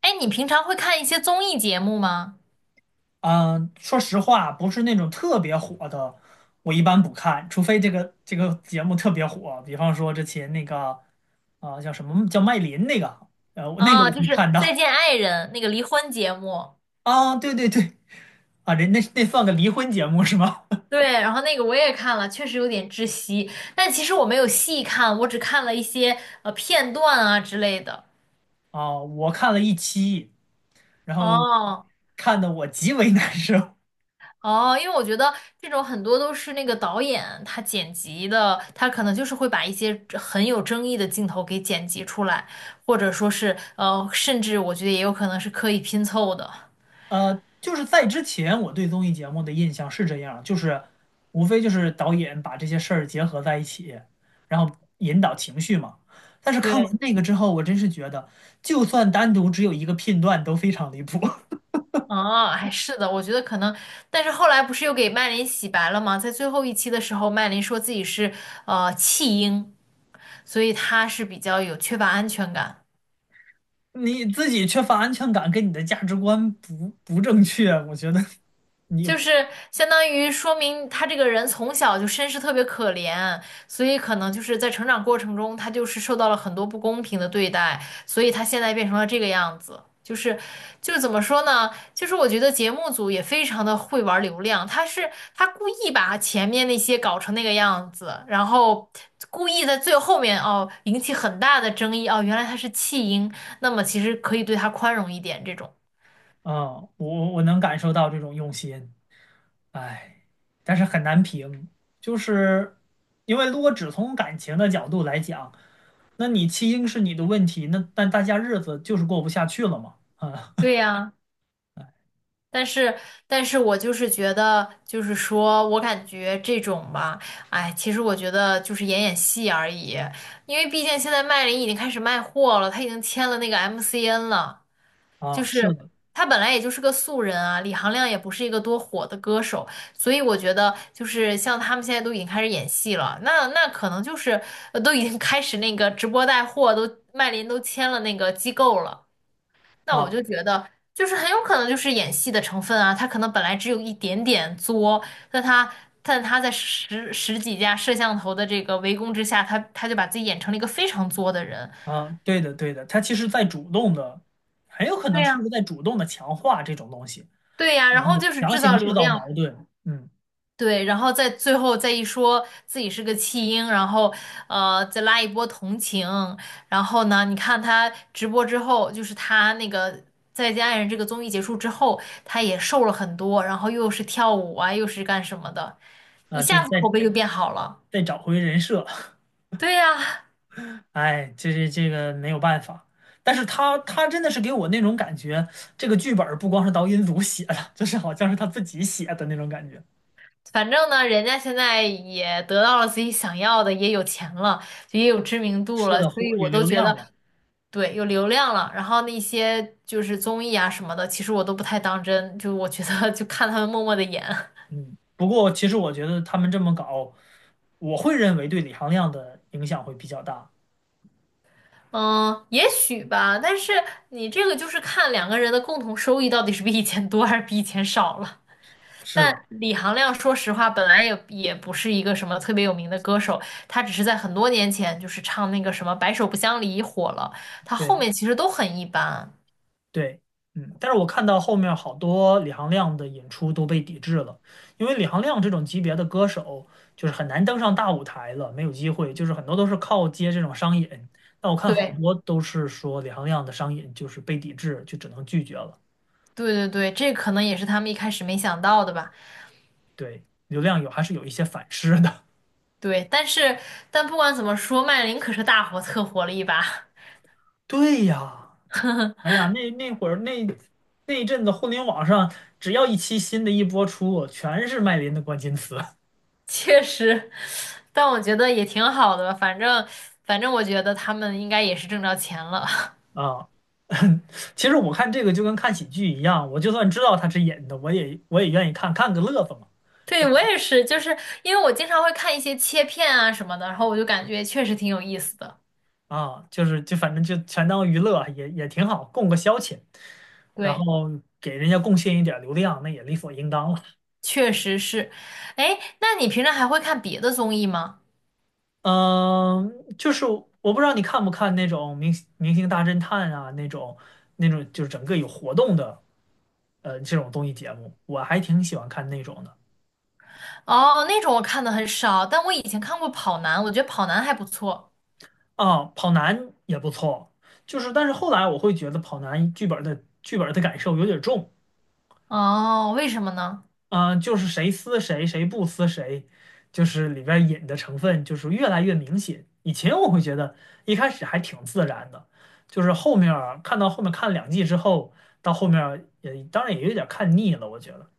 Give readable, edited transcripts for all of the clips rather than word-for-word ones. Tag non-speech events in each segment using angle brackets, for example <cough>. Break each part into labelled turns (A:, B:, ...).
A: 哎，你平常会看一些综艺节目吗？
B: 嗯，说实话，不是那种特别火的，我一般不看，除非这个节目特别火，比方说之前那个啊、叫什么叫麦琳那个，
A: 啊，
B: 我
A: 就
B: 会
A: 是
B: 看
A: 《再
B: 到。
A: 见爱人》那个离婚节目。
B: 啊，对对对。啊，人那算个离婚节目是吗？
A: 对，然后那个我也看了，确实有点窒息。但其实我没有细看，我只看了一些片段啊之类的。
B: <laughs> 啊，我看了一期，然后
A: 哦
B: 看的我极为难受。
A: 哦，因为我觉得这种很多都是那个导演他剪辑的，他可能就是会把一些很有争议的镜头给剪辑出来，或者说是甚至我觉得也有可能是刻意拼凑的。
B: 就是在之前我对综艺节目的印象是这样，就是无非就是导演把这些事儿结合在一起，然后引导情绪嘛。但是看完
A: 对。
B: 那个之后，我真是觉得，就算单独只有一个片段都非常离谱。<laughs>
A: 哦，还是的，我觉得可能，但是后来不是又给麦琳洗白了吗？在最后一期的时候，麦琳说自己是弃婴，所以她是比较有缺乏安全感。
B: 你自己缺乏安全感，跟你的价值观不正确，我觉得 <laughs> 你
A: 就是相当于说明他这个人从小就身世特别可怜，所以可能就是在成长过程中，他就是受到了很多不公平的对待，所以他现在变成了这个样子。就是怎么说呢？就是我觉得节目组也非常的会玩流量，他故意把前面那些搞成那个样子，然后故意在最后面哦引起很大的争议，哦，原来他是弃婴，那么其实可以对他宽容一点这种。
B: 啊。我能感受到这种用心。哎，但是很难评，就是因为如果只从感情的角度来讲，那你弃婴是你的问题，那但大家日子就是过不下去了嘛。
A: 对呀、但是，但是我就是觉得，就是说我感觉这种吧，哎，其实我觉得就是演演戏而已，因为毕竟现在麦琳已经开始卖货了，她已经签了那个 MCN 了，就
B: 是
A: 是
B: 的。
A: 她本来也就是个素人啊，李行亮也不是一个多火的歌手，所以我觉得就是像他们现在都已经开始演戏了，那那可能就是都已经开始那个直播带货，都麦琳都签了那个机构了。那我
B: 啊
A: 就觉得，就是很有可能就是演戏的成分啊，他可能本来只有一点点作，但他但他在十几家摄像头的这个围攻之下，他就把自己演成了一个非常作的人。
B: 对的对的，他其实在主动的，很有可
A: 对
B: 能就
A: 呀，
B: 是在主动的强化这种东西，
A: 对呀，
B: 然
A: 然
B: 后
A: 后就是
B: 强
A: 制造
B: 行
A: 流
B: 制造
A: 量。
B: 矛盾，
A: 对，然后再最后再一说自己是个弃婴，然后再拉一波同情。然后呢，你看他直播之后，就是他那个《再见爱人》这个综艺结束之后，他也瘦了很多，然后又是跳舞啊，又是干什么的，一
B: 就是
A: 下子口
B: 在
A: 碑就变好了。
B: 找回人设。
A: 对呀，
B: 哎，这个没有办法，但是他真的是给我那种感觉，这个剧本儿不光是导演组写的，<laughs> 就是好像是他自己写的那种感觉。
A: 反正呢，人家现在也得到了自己想要的，也有钱了，也有知名度
B: 是
A: 了，
B: 的，
A: 所以
B: 火有
A: 我都
B: 流
A: 觉
B: 量
A: 得。
B: 了。
A: 对，有流量了，然后那些就是综艺啊什么的，其实我都不太当真，就我觉得 <laughs> 就看他们默默的演。
B: 嗯。不过其实我觉得他们这么搞，我会认为对李行亮的影响会比较大。
A: 嗯，也许吧，但是你这个就是看两个人的共同收益到底是比以前多还是比以前少了。
B: 是的。
A: 但李行亮说实话，本来也不是一个什么特别有名的歌手，他只是在很多年前就是唱那个什么《白首不相离》火了，他后
B: 对。
A: 面其实都很一般。
B: 对，嗯，但是我看到后面好多李行亮的演出都被抵制了，因为李行亮这种级别的歌手就是很难登上大舞台了，没有机会，就是很多都是靠接这种商演。那我看好
A: 对，
B: 多都是说李行亮的商演就是被抵制，就只能拒绝了。
A: 对对对，这可能也是他们一开始没想到的吧。
B: 对，流量有还是有一些反噬的。
A: 对，但是但不管怎么说，麦琳可是大火特火了一把。
B: <laughs> 对呀。哎呀，那那会儿那那一阵子互联网上只要一期新的一播出，全是麦琳的关键词。
A: <laughs> 确实，但我觉得也挺好的吧，反正我觉得他们应该也是挣着钱了。
B: 啊，<laughs> 其实我看这个就跟看喜剧一样，我就算知道他是演的，我也愿意看看个乐子嘛。
A: <laughs>
B: 就
A: 对，我也是，就是因为我经常会看一些切片啊什么的，然后我就感觉确实挺有意思的。
B: 就是就反正就全当娱乐，也挺好，供个消遣，然
A: 对，
B: 后给人家贡献一点儿流量，那也理所应当了。
A: 确实是。哎，那你平常还会看别的综艺吗？
B: 嗯，就是我不知道你看不看那种明星大侦探啊，那种就是整个有活动的这种综艺节目，我还挺喜欢看那种的。
A: 哦，那种我看的很少，但我以前看过《跑男》，我觉得《跑男》还不错。
B: 啊，跑男也不错，就是但是后来我会觉得跑男剧本的感受有点重。
A: 哦，为什么呢？
B: 啊，就是谁撕谁谁不撕谁，就是里边引的成分就是越来越明显。以前我会觉得一开始还挺自然的，就是后面儿看到后面看了2季之后，到后面儿也当然也有点儿看腻了，我觉得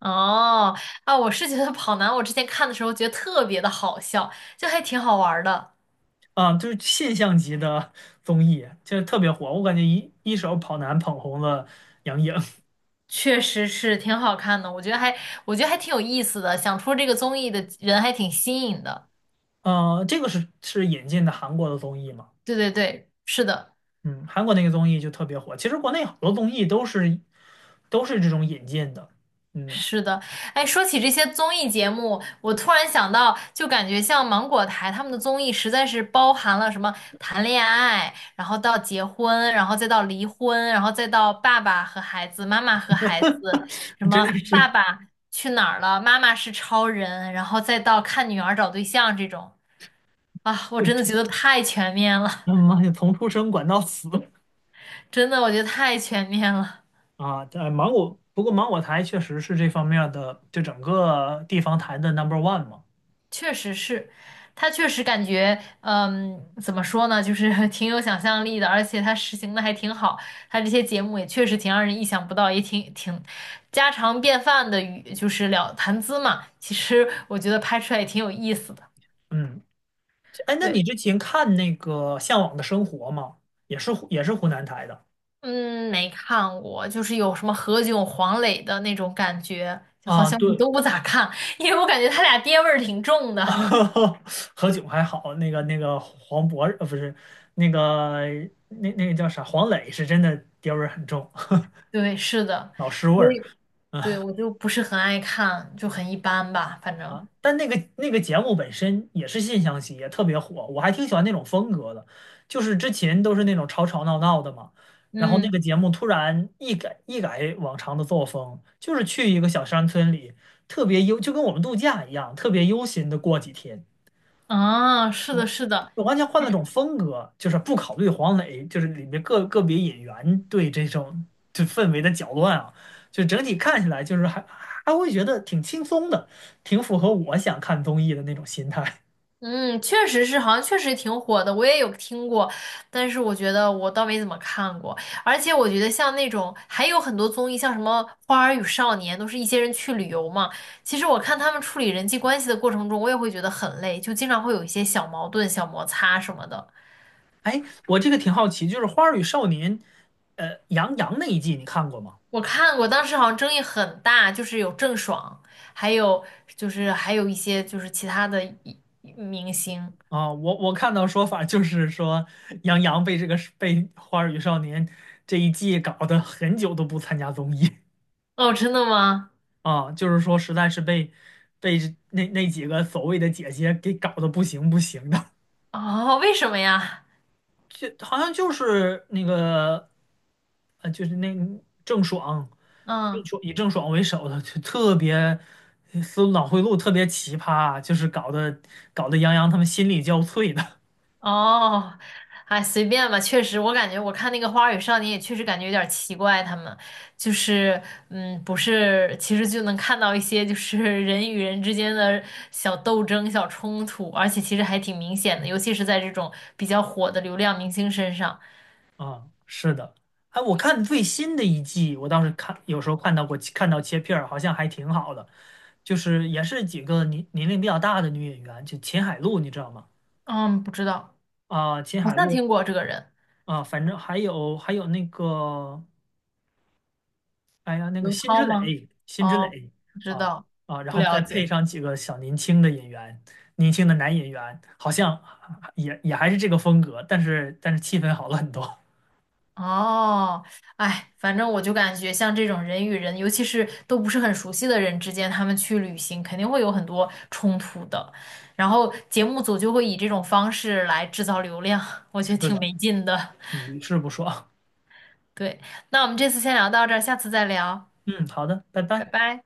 A: 哦，啊，我是觉得跑男，我之前看的时候觉得特别的好笑，就还挺好玩儿的。
B: 啊，就是现象级的综艺就是特别火，我感觉一手跑男捧红了杨颖。<laughs>
A: 确实是挺好看的，我觉得还挺有意思的，想出这个综艺的人还挺新颖的。
B: 这个是引进的韩国的综艺吗？
A: 对对对，是的。
B: 嗯，韩国那个综艺就特别火。其实国内好多综艺都是这种引进的。嗯，
A: 是的。哎，说起这些综艺节目，我突然想到，就感觉像芒果台他们的综艺实在是包含了什么谈恋爱，然后到结婚，然后再到离婚，然后再到爸爸和孩子，妈妈和孩子，
B: <laughs>
A: 什
B: 真
A: 么
B: 的
A: 爸
B: 是。
A: 爸去哪儿了，妈妈是超人，然后再到看女儿找对象这种。啊，我真的觉
B: <laughs>
A: 得太全面了，
B: 他妈呀，从出生管到死
A: 真的，我觉得太全面了。
B: 啊！不过芒果台确实是这方面儿的，就整个地方台的 number one 嘛。
A: 确实是，他确实感觉，嗯，怎么说呢，就是 <laughs> 挺有想象力的，而且他实行的还挺好，他这些节目也确实挺让人意想不到，也挺挺家常便饭的语，就是聊谈资嘛。其实我觉得拍出来也挺有意思的。
B: 嗯。哎，那你
A: 对，
B: 之前看那个《向往的生活》吗？也是湖南台的。
A: 嗯，没看过，就是有什么何炅、黄磊的那种感觉，就好
B: 啊，
A: 像我
B: 对。
A: 都不咋看，因为我感觉他俩爹味儿挺重
B: <laughs>
A: 的。
B: 何炅还好，那个黄渤不是那个那个叫啥黄磊是真的爹味儿很重。
A: 对，是的，
B: 老师味
A: 所
B: 儿
A: 以对我就不是很爱看，就很一般吧，反正。
B: 啊。但那个节目本身也是现象级，也特别火，我还挺喜欢那种风格的。就是之前都是那种吵吵闹闹的嘛，然后那个
A: 嗯，
B: 节目突然一改往常的作风，就是去一个小山村里，特别悠，就跟我们度假一样，特别悠闲的过几天。
A: 啊，是的，
B: 我
A: 是的。
B: 我完全换了种风格，就是不考虑黄磊，就是里面个别演员对这种就氛围的搅乱啊，就整体看起来就是还会觉得挺轻松的，挺符合我想看综艺的那种心态。
A: 嗯，确实是，好像确实挺火的，我也有听过，但是我觉得我倒没怎么看过。而且我觉得像那种还有很多综艺，像什么《花儿与少年》，都是一些人去旅游嘛，其实我看他们处理人际关系的过程中，我也会觉得很累，就经常会有一些小矛盾、小摩擦什么的。
B: <laughs> 哎，我这个挺好奇，就是《花儿与少年》，杨洋那一季你看过吗？
A: 我看过，当时好像争议很大，就是有郑爽，还有就是还有一些就是其他的一明星。
B: 啊，我看到说法就是说，杨洋被这个被《花儿与少年》这一季搞得很久都不参加综艺。
A: 哦，真的吗？
B: 啊，就是说实在是被那几个所谓的姐姐给搞得不行不行的，
A: 哦，为什么呀？
B: 就好像就是那个就是那郑爽，郑
A: 嗯，
B: 爽以郑爽为首的，就特别思路脑回路特别奇葩，就是搞得杨洋他们心力交瘁的。
A: 哦，哎，随便吧。确实，我感觉我看那个《花儿与少年》也确实感觉有点奇怪，他们就是嗯，不是，其实就能看到一些就是人与人之间的小斗争、小冲突，而且其实还挺明显的，尤其是在这种比较火的流量明星身上。
B: 啊，是的。哎，我看最新的一季，我倒是看，有时候看到过，看到切片儿，好像还挺好的，就是也是几个年龄比较大的女演员，就秦海璐，你知道吗？
A: 嗯，不知道。
B: 啊，秦
A: 好
B: 海
A: 像
B: 璐
A: 听过这个人，
B: 啊，反正还有那个，哎呀，那个
A: 刘
B: 辛芷
A: 涛吗？
B: 蕾，
A: 哦，不知
B: 啊
A: 道，
B: 然
A: 不
B: 后再
A: 了
B: 配
A: 解。
B: 上几个小年轻的演员，年轻的男演员，好像也还是这个风格，但是气氛好了很多。<laughs>
A: 哦，哎，反正我就感觉像这种人与人，尤其是都不是很熟悉的人之间，他们去旅行肯定会有很多冲突的。然后节目组就会以这种方式来制造流量，我觉
B: 是
A: 得挺
B: 的，
A: 没劲的。
B: 屡试不爽。
A: <laughs> 对，那我们这次先聊到这儿，下次再聊，
B: <laughs> 嗯，好的，拜
A: 拜
B: 拜。
A: 拜。